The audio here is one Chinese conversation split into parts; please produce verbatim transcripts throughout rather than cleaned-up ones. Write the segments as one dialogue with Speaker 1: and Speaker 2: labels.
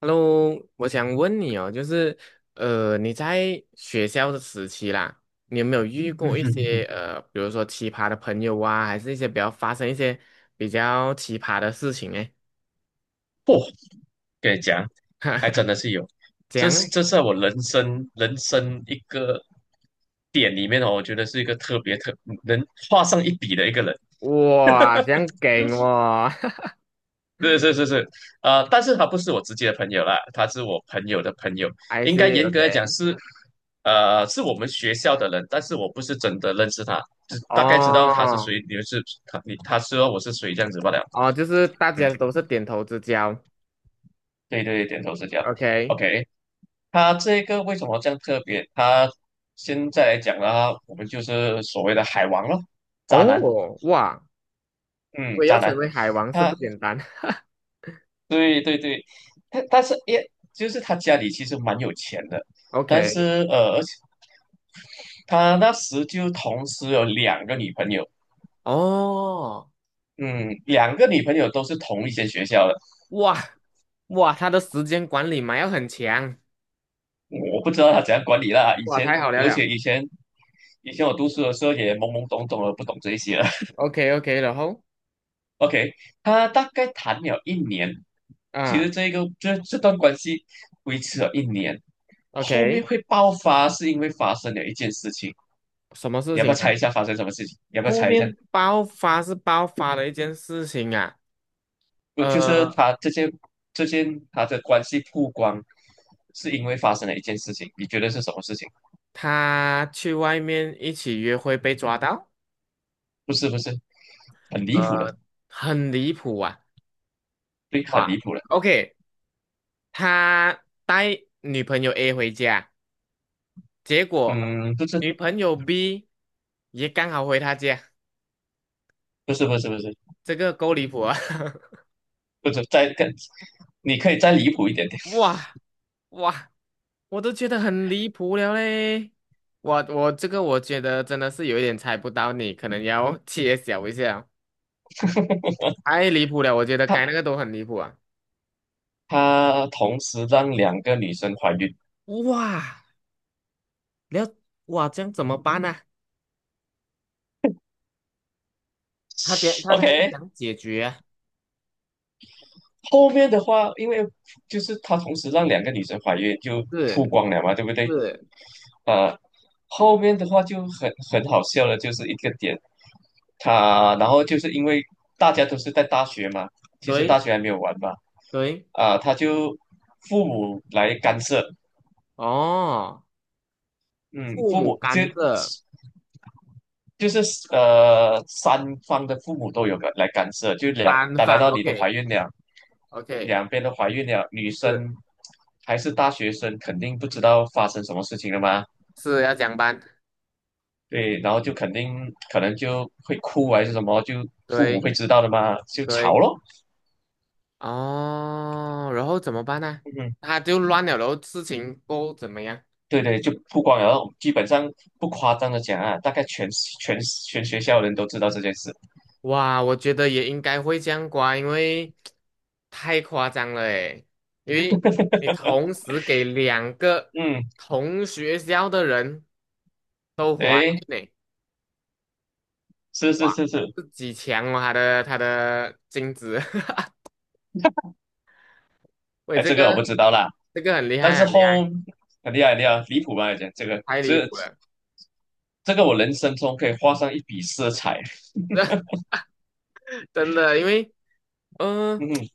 Speaker 1: Hello，我想问你哦，就是呃，你在学校的时期啦，你有没有遇嗯
Speaker 2: 嗯
Speaker 1: 过一哼
Speaker 2: 哼嗯
Speaker 1: 些
Speaker 2: 哼，
Speaker 1: 呃，比如说奇葩的朋友啊，还是一些比较发生一些比较奇葩的事情呢？
Speaker 2: 不跟你讲，还真的是有，
Speaker 1: 这
Speaker 2: 这
Speaker 1: 样，
Speaker 2: 是这是在我人生人生一个点里面哦，我觉得是一个特别特能画上一笔的一个人。
Speaker 1: 哇，这样给我
Speaker 2: 是是是是，呃，但是他不是我直接的朋友啦，他是我朋友的朋友，
Speaker 1: ，I
Speaker 2: 应该
Speaker 1: see
Speaker 2: 严格来讲
Speaker 1: OK，
Speaker 2: 是，呃，是我们学校的人，但是我不是真的认识他，只大概知道他是
Speaker 1: 哦
Speaker 2: 谁，你们是他你他知道我是谁这样子罢了。
Speaker 1: 哦，就是大
Speaker 2: 嗯。
Speaker 1: 家都是点头之交
Speaker 2: 对对对点头是这样。
Speaker 1: ，OK，
Speaker 2: OK，他这个为什么这样特别？他现在来讲呢，我们就是所谓的海王咯，渣男，
Speaker 1: 哦，哇，
Speaker 2: 嗯，
Speaker 1: 我也要
Speaker 2: 渣
Speaker 1: 成
Speaker 2: 男。
Speaker 1: 为海王是不
Speaker 2: 他
Speaker 1: 简单
Speaker 2: 对对对，他但是也就是他家里其实蛮有钱的，但
Speaker 1: ，OK，
Speaker 2: 是呃，而且他那时就同时有两个女朋友，
Speaker 1: 哦。
Speaker 2: 嗯，两个女朋友都是同一间学校的，
Speaker 1: 哇哇，他的时间管理嘛要很强，
Speaker 2: 我不知道他怎样管理啦。以
Speaker 1: 哇，
Speaker 2: 前，
Speaker 1: 太好了
Speaker 2: 而
Speaker 1: 了。
Speaker 2: 且以前以前我读书的时候也懵懵懂懂的，不懂这些。
Speaker 1: OK OK，然后
Speaker 2: OK，他大概谈了一年，其实
Speaker 1: 啊
Speaker 2: 这个这这段关系维持了一年，后面
Speaker 1: ，OK，
Speaker 2: 会爆发是因为发生了一件事情，
Speaker 1: 什么事
Speaker 2: 你要不
Speaker 1: 情
Speaker 2: 要
Speaker 1: 呢？
Speaker 2: 猜一下发生什么事情？你要不要
Speaker 1: 后
Speaker 2: 猜一下？
Speaker 1: 面爆发是爆发了一件事情啊，
Speaker 2: 不，就是
Speaker 1: 呃，
Speaker 2: 他这件这件他的关系曝光，是因为发生了一件事情，你觉得是什么事情？
Speaker 1: 他去外面一起约会被抓到，
Speaker 2: 不是不是，很离谱的，
Speaker 1: 呃，很离谱啊，
Speaker 2: 对，很离
Speaker 1: 哇
Speaker 2: 谱的，
Speaker 1: ，OK，他带女朋友 A 回家，结果
Speaker 2: 嗯，不是
Speaker 1: 女朋友 B 也刚好回他家，
Speaker 2: 不是不是不是
Speaker 1: 这个够离谱啊，
Speaker 2: 不是，再更，你可以再离谱一点点。
Speaker 1: 哇哇。我都觉得很离谱了嘞。我我这个我觉得真的是有一点猜不到你，可能要揭晓一下，太离谱了，我觉得
Speaker 2: 他
Speaker 1: 该那个都很离谱啊。
Speaker 2: 他同时让两个女生怀孕。
Speaker 1: 哇，了哇，这样怎么办呢？他解他他是
Speaker 2: OK，
Speaker 1: 想解决啊
Speaker 2: 后面的话，因为就是他同时让两个女生怀孕，就曝
Speaker 1: 是
Speaker 2: 光了嘛，对不对？
Speaker 1: 是，
Speaker 2: 啊、后面的话就很很好笑了，就是一个点，他然后就是因为大家都是在大学嘛，其实大
Speaker 1: 对
Speaker 2: 学还没有完嘛，
Speaker 1: 对，
Speaker 2: 啊、他就父母来干涉，
Speaker 1: 哦，
Speaker 2: 嗯，
Speaker 1: 父
Speaker 2: 父
Speaker 1: 母
Speaker 2: 母就
Speaker 1: 干涉
Speaker 2: 就是呃三方的父母都有来干涉，就两，
Speaker 1: 三
Speaker 2: 打然
Speaker 1: 方
Speaker 2: 到你都怀
Speaker 1: ，OK
Speaker 2: 孕了。
Speaker 1: OK，
Speaker 2: 两边都怀孕了，女
Speaker 1: 是
Speaker 2: 生还是大学生，肯定不知道发生什么事情了嘛。
Speaker 1: 是要讲班，
Speaker 2: 对，然后就肯定可能就会哭还是什么，就父母
Speaker 1: 对
Speaker 2: 会知道的嘛，就吵
Speaker 1: 对。
Speaker 2: 咯。
Speaker 1: 哦，然后怎么办呢？
Speaker 2: 嗯，
Speaker 1: 他就乱了，然后事情够怎么样？
Speaker 2: 对对，就不光有，基本上不夸张的讲啊，大概全全全学校人都知道这件事。
Speaker 1: 哇，我觉得也应该会这样刮，因为太夸张了诶，因为你同时给两个
Speaker 2: 嗯，
Speaker 1: 同学校的人都怀孕
Speaker 2: 诶，
Speaker 1: 呢，
Speaker 2: 是
Speaker 1: 哇，
Speaker 2: 是是是，
Speaker 1: 自己强哦，他的他的精子，喂，
Speaker 2: 哎，
Speaker 1: 这
Speaker 2: 这个我
Speaker 1: 个
Speaker 2: 不知道啦，
Speaker 1: 这个很厉
Speaker 2: 但
Speaker 1: 害，
Speaker 2: 是
Speaker 1: 很厉害，
Speaker 2: 后很厉害很厉害，离谱吧？讲这个，
Speaker 1: 太离
Speaker 2: 这
Speaker 1: 谱了，
Speaker 2: 这个我人生中可以画上一笔色彩。
Speaker 1: 真的，因为嗯。呃
Speaker 2: 嗯，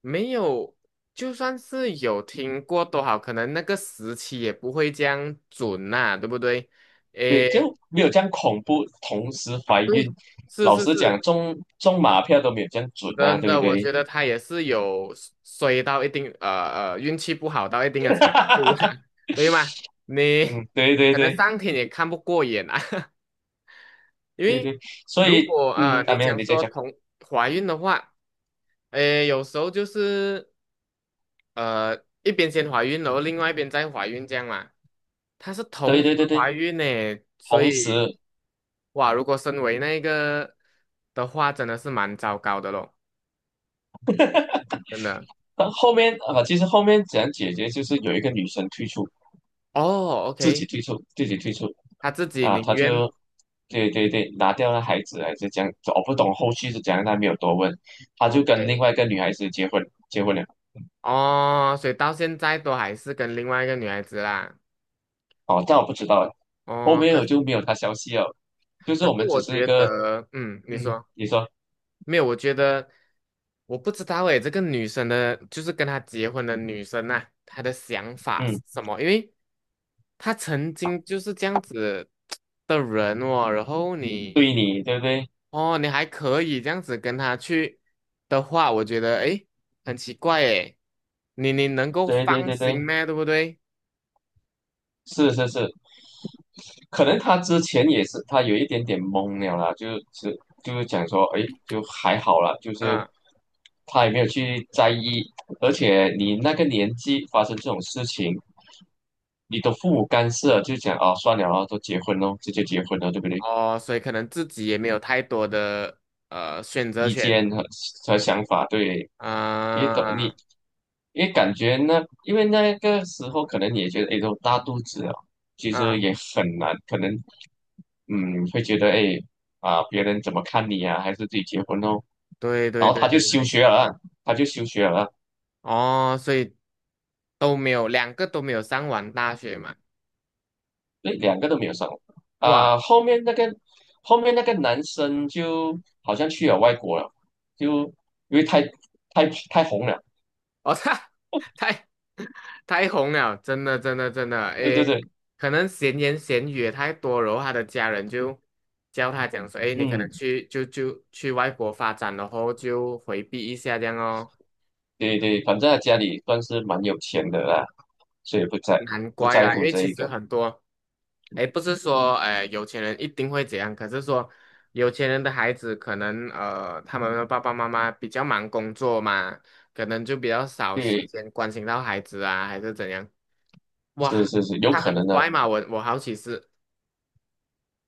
Speaker 1: 没有，就算是有听过都好，可能那个时期也不会这样准呐，对不对？
Speaker 2: 对，就
Speaker 1: 诶，
Speaker 2: 没有这样恐怖。同时怀孕，
Speaker 1: 对，是
Speaker 2: 老
Speaker 1: 是
Speaker 2: 实讲，
Speaker 1: 是，
Speaker 2: 中中马票都没有这样准啊，
Speaker 1: 真
Speaker 2: 对不
Speaker 1: 的，我
Speaker 2: 对？
Speaker 1: 觉得他也是有衰到一定，呃呃，运气不好到一定的程度 啦，对吗？你
Speaker 2: 嗯，对对
Speaker 1: 可能
Speaker 2: 对
Speaker 1: 上天也看不过眼啊，因
Speaker 2: 对
Speaker 1: 为
Speaker 2: 对，所
Speaker 1: 如
Speaker 2: 以
Speaker 1: 果呃
Speaker 2: 嗯啊，
Speaker 1: 你
Speaker 2: 没有
Speaker 1: 讲
Speaker 2: 你在
Speaker 1: 说
Speaker 2: 讲，
Speaker 1: 同怀孕的话，诶，有时候就是。呃，一边先怀孕，然后另外一边再怀孕这样嘛。她是同
Speaker 2: 对
Speaker 1: 时
Speaker 2: 对对
Speaker 1: 怀
Speaker 2: 对，
Speaker 1: 孕呢，所
Speaker 2: 同
Speaker 1: 以
Speaker 2: 时
Speaker 1: 哇，如果身为那个的话，真的是蛮糟糕的咯，真的。
Speaker 2: 到后面啊，其实后面怎样解决，就是有一个女生退出，
Speaker 1: 哦
Speaker 2: 自己
Speaker 1: ，OK，
Speaker 2: 退出，自己退出
Speaker 1: 她自己
Speaker 2: 啊，
Speaker 1: 宁
Speaker 2: 她
Speaker 1: 愿
Speaker 2: 就对对对，拿掉了孩子，还是讲样，我不懂后续是怎样，她没有多问，她就跟另
Speaker 1: OK，
Speaker 2: 外一个女孩子结婚，结婚了。
Speaker 1: 哦，所以到现在都还是跟另外一个女孩子啦。
Speaker 2: 哦，但我不知道，后
Speaker 1: 哦，
Speaker 2: 面
Speaker 1: 可
Speaker 2: 我就没有他消息了。就是
Speaker 1: 可
Speaker 2: 我
Speaker 1: 是
Speaker 2: 们
Speaker 1: 我
Speaker 2: 只是一
Speaker 1: 觉
Speaker 2: 个，
Speaker 1: 得，嗯，你
Speaker 2: 嗯，
Speaker 1: 说。
Speaker 2: 你说，
Speaker 1: 没有，我觉得我不知道诶，这个女生的，就是跟她结婚的女生呐，她的想法是
Speaker 2: 嗯，
Speaker 1: 什么？因为她曾经就是这样子的人哦，然后你
Speaker 2: 对你，对不对？
Speaker 1: 哦，你还可以这样子跟她去的话，我觉得诶，很奇怪诶，你你能够
Speaker 2: 对对
Speaker 1: 放
Speaker 2: 对对，
Speaker 1: 心咩？对不对？
Speaker 2: 是是是，可能他之前也是，他有一点点懵了啦，就是就是讲说，哎，就还好啦，就是
Speaker 1: 嗯，
Speaker 2: 他也没有去在意，而且你那个年纪发生这种事情，你的父母干涉，就讲啊，算了啊，都结婚咯，直接结婚了，对不对？
Speaker 1: 哦，所以可能自己也没有太多的呃选择
Speaker 2: 意
Speaker 1: 权
Speaker 2: 见和和想法，对，你懂
Speaker 1: 啊
Speaker 2: 你，因为感觉那，因为那个时候可能也觉得，哎，都大肚子了，其实
Speaker 1: 啊，
Speaker 2: 也很难，可能嗯会觉得，哎啊，别人怎么看你啊，还是自己结婚哦，
Speaker 1: 对
Speaker 2: 然
Speaker 1: 对
Speaker 2: 后他
Speaker 1: 对
Speaker 2: 就
Speaker 1: 对
Speaker 2: 休
Speaker 1: 对。
Speaker 2: 学了，他就休学了，
Speaker 1: 哦，所以都没有，两个都没有上完大学嘛。
Speaker 2: 对，两个都没有上，
Speaker 1: 哇，
Speaker 2: 啊、后面那个后面那个男生就好像去了外国了，就因为太太太红了，
Speaker 1: 我操，太太太红了，真的真的真的，
Speaker 2: 对对
Speaker 1: 诶，
Speaker 2: 对，
Speaker 1: 可能闲言闲语也太多，然后他的家人就教他讲说，诶，你可能
Speaker 2: 嗯。
Speaker 1: 去就就去外国发展，然后就回避一下这样哦。
Speaker 2: 对对，反正他家里算是蛮有钱的啦，所以不在
Speaker 1: 难
Speaker 2: 不
Speaker 1: 怪
Speaker 2: 在
Speaker 1: 啦，因
Speaker 2: 乎
Speaker 1: 为
Speaker 2: 这
Speaker 1: 其
Speaker 2: 一
Speaker 1: 实
Speaker 2: 个。
Speaker 1: 很多。哎，不是说哎有钱人一定会怎样，可是说有钱人的孩子可能呃，他们的爸爸妈妈比较忙工作嘛，可能就比较少时
Speaker 2: 对，
Speaker 1: 间关心到孩子啊，还是怎样？
Speaker 2: 是
Speaker 1: 哇，
Speaker 2: 是是，有
Speaker 1: 他
Speaker 2: 可
Speaker 1: 很
Speaker 2: 能呢，
Speaker 1: 拽嘛，我我好奇是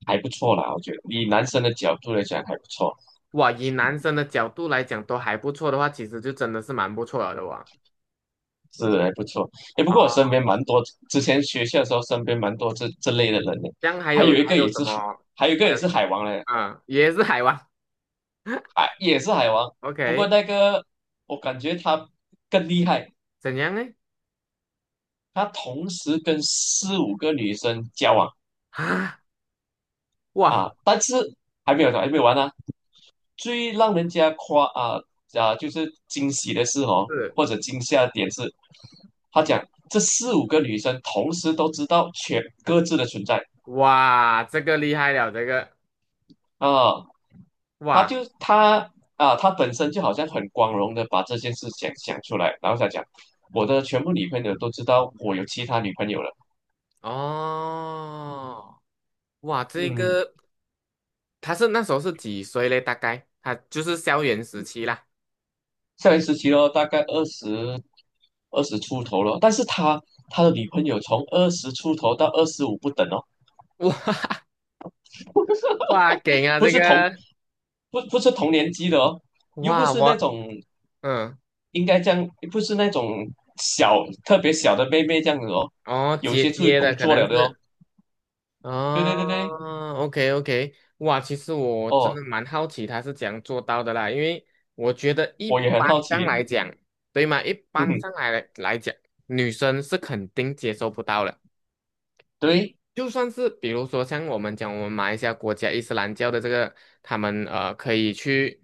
Speaker 2: 还不错啦，我觉得以男生的角度来讲还不错，
Speaker 1: 哇，以男生的角度来讲都还不错的话，其实就真的是蛮不错了的哇。
Speaker 2: 是还不错。哎，不过我
Speaker 1: 哦，
Speaker 2: 身边蛮多，之前学校的时候身边蛮多这这类的人呢，
Speaker 1: 这样还
Speaker 2: 还有
Speaker 1: 有
Speaker 2: 一
Speaker 1: 还
Speaker 2: 个
Speaker 1: 有
Speaker 2: 也
Speaker 1: 什
Speaker 2: 是海，
Speaker 1: 么？
Speaker 2: 还有一个
Speaker 1: 还
Speaker 2: 也
Speaker 1: 有
Speaker 2: 是海王嘞，
Speaker 1: 啊，嗯也是海王
Speaker 2: 海也是海王，不过
Speaker 1: ，OK，
Speaker 2: 那个我感觉他更厉害，
Speaker 1: 怎样呢？
Speaker 2: 他同时跟四五个女生交往
Speaker 1: 啊，哇，
Speaker 2: 啊，但是还没有还没有完呢、最让人家夸啊啊，就是惊喜的是哦，
Speaker 1: 是
Speaker 2: 或者惊吓的点是，他讲这四五个女生同时都知道全各自的存在
Speaker 1: 哇，这个厉害了，这个
Speaker 2: 啊，他
Speaker 1: 哇。
Speaker 2: 就他啊，他本身就好像很光荣的把这件事想想出来，然后再讲我的全部女朋友都知道我有其他女朋友了，
Speaker 1: 哦，哇，这
Speaker 2: 嗯，
Speaker 1: 个他是那时候是几岁嘞？大概他就是校园时期啦。
Speaker 2: 校园时期咯，大概二十二十出头了，但是他他的女朋友从二十出头到二十五不等哦。
Speaker 1: 哇 哇，给啊
Speaker 2: 不
Speaker 1: 这
Speaker 2: 是同
Speaker 1: 个，
Speaker 2: 不不是同年级的哦，又不
Speaker 1: 哇
Speaker 2: 是那
Speaker 1: 我
Speaker 2: 种
Speaker 1: 嗯，
Speaker 2: 应该这样，不是那种小特别小的妹妹这样子哦，
Speaker 1: 哦
Speaker 2: 有
Speaker 1: 姐
Speaker 2: 些出去
Speaker 1: 姐
Speaker 2: 工
Speaker 1: 的可
Speaker 2: 作
Speaker 1: 能
Speaker 2: 了的哦。
Speaker 1: 是
Speaker 2: 对对对对，
Speaker 1: 哦，OK OK，哇，其实我真
Speaker 2: 哦，
Speaker 1: 的蛮好奇他是怎样做到的啦，因为我觉得一
Speaker 2: 我也很好
Speaker 1: 般上
Speaker 2: 奇，
Speaker 1: 来讲，对吗？一
Speaker 2: 嗯
Speaker 1: 般
Speaker 2: 哼，
Speaker 1: 上来来讲，女生是肯定接受不到的。
Speaker 2: 对，
Speaker 1: 就算是比如说像我们讲我们马来西亚国家伊斯兰教的这个，他们呃可以去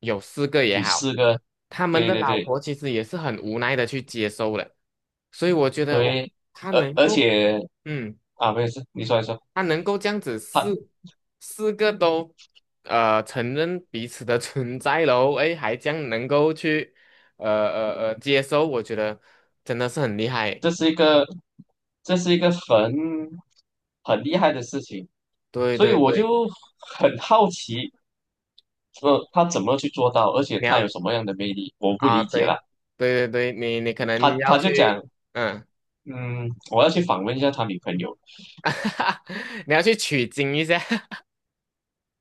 Speaker 1: 有四个也
Speaker 2: 举四
Speaker 1: 好，
Speaker 2: 个，
Speaker 1: 他们
Speaker 2: 对
Speaker 1: 的
Speaker 2: 对
Speaker 1: 老
Speaker 2: 对
Speaker 1: 婆其实也是很无奈的去接受了，所以我觉得哇，
Speaker 2: 对，
Speaker 1: 他
Speaker 2: 而
Speaker 1: 能
Speaker 2: 而
Speaker 1: 够
Speaker 2: 且
Speaker 1: 嗯，
Speaker 2: 啊，没有事，你说一说，
Speaker 1: 他能够这样子四
Speaker 2: 他
Speaker 1: 四个都呃承认彼此的 存在喽，诶，还将能够去呃呃呃接受，我觉得真的是很厉害，
Speaker 2: 这是一个这是一个很很厉害的事情，
Speaker 1: 对
Speaker 2: 所以
Speaker 1: 对
Speaker 2: 我
Speaker 1: 对，
Speaker 2: 就很好奇，说他怎么去做到，而且
Speaker 1: 你
Speaker 2: 他有
Speaker 1: 要。
Speaker 2: 什么样的魅力，我不
Speaker 1: 啊，
Speaker 2: 理解了。
Speaker 1: 对，对对对，你你可
Speaker 2: 他
Speaker 1: 能要
Speaker 2: 他就
Speaker 1: 去，
Speaker 2: 讲，
Speaker 1: 嗯，
Speaker 2: 嗯，我要去访问一下他女朋友。
Speaker 1: 你要去取经一下，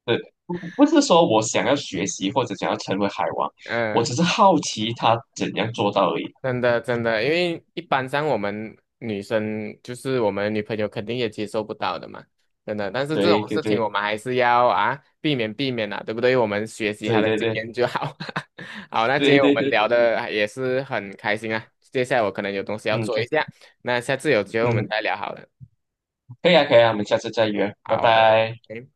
Speaker 2: 对，不不是说我想要学习或者想要成为海王，我
Speaker 1: 嗯，
Speaker 2: 只是好奇他怎样做到而已。
Speaker 1: 真的真的，因为一般上我们女生就是我们女朋友肯定也接受不到的嘛，真的。但是这
Speaker 2: 对
Speaker 1: 种
Speaker 2: 对
Speaker 1: 事情
Speaker 2: 对
Speaker 1: 我们还是要啊避免避免啊，对不对？我们学习她
Speaker 2: 对
Speaker 1: 的
Speaker 2: 对
Speaker 1: 经
Speaker 2: 对
Speaker 1: 验就好。好，那今
Speaker 2: 对
Speaker 1: 天我
Speaker 2: 对
Speaker 1: 们
Speaker 2: 对，
Speaker 1: 聊的也是很开心啊，接下来我可能有东西要
Speaker 2: 嗯，
Speaker 1: 做
Speaker 2: 可
Speaker 1: 一
Speaker 2: 以
Speaker 1: 下，那下次有机会我们
Speaker 2: 嗯，
Speaker 1: 再聊好了。
Speaker 2: 可以啊可以啊，我们下次再约，拜
Speaker 1: 好，拜
Speaker 2: 拜。
Speaker 1: 拜。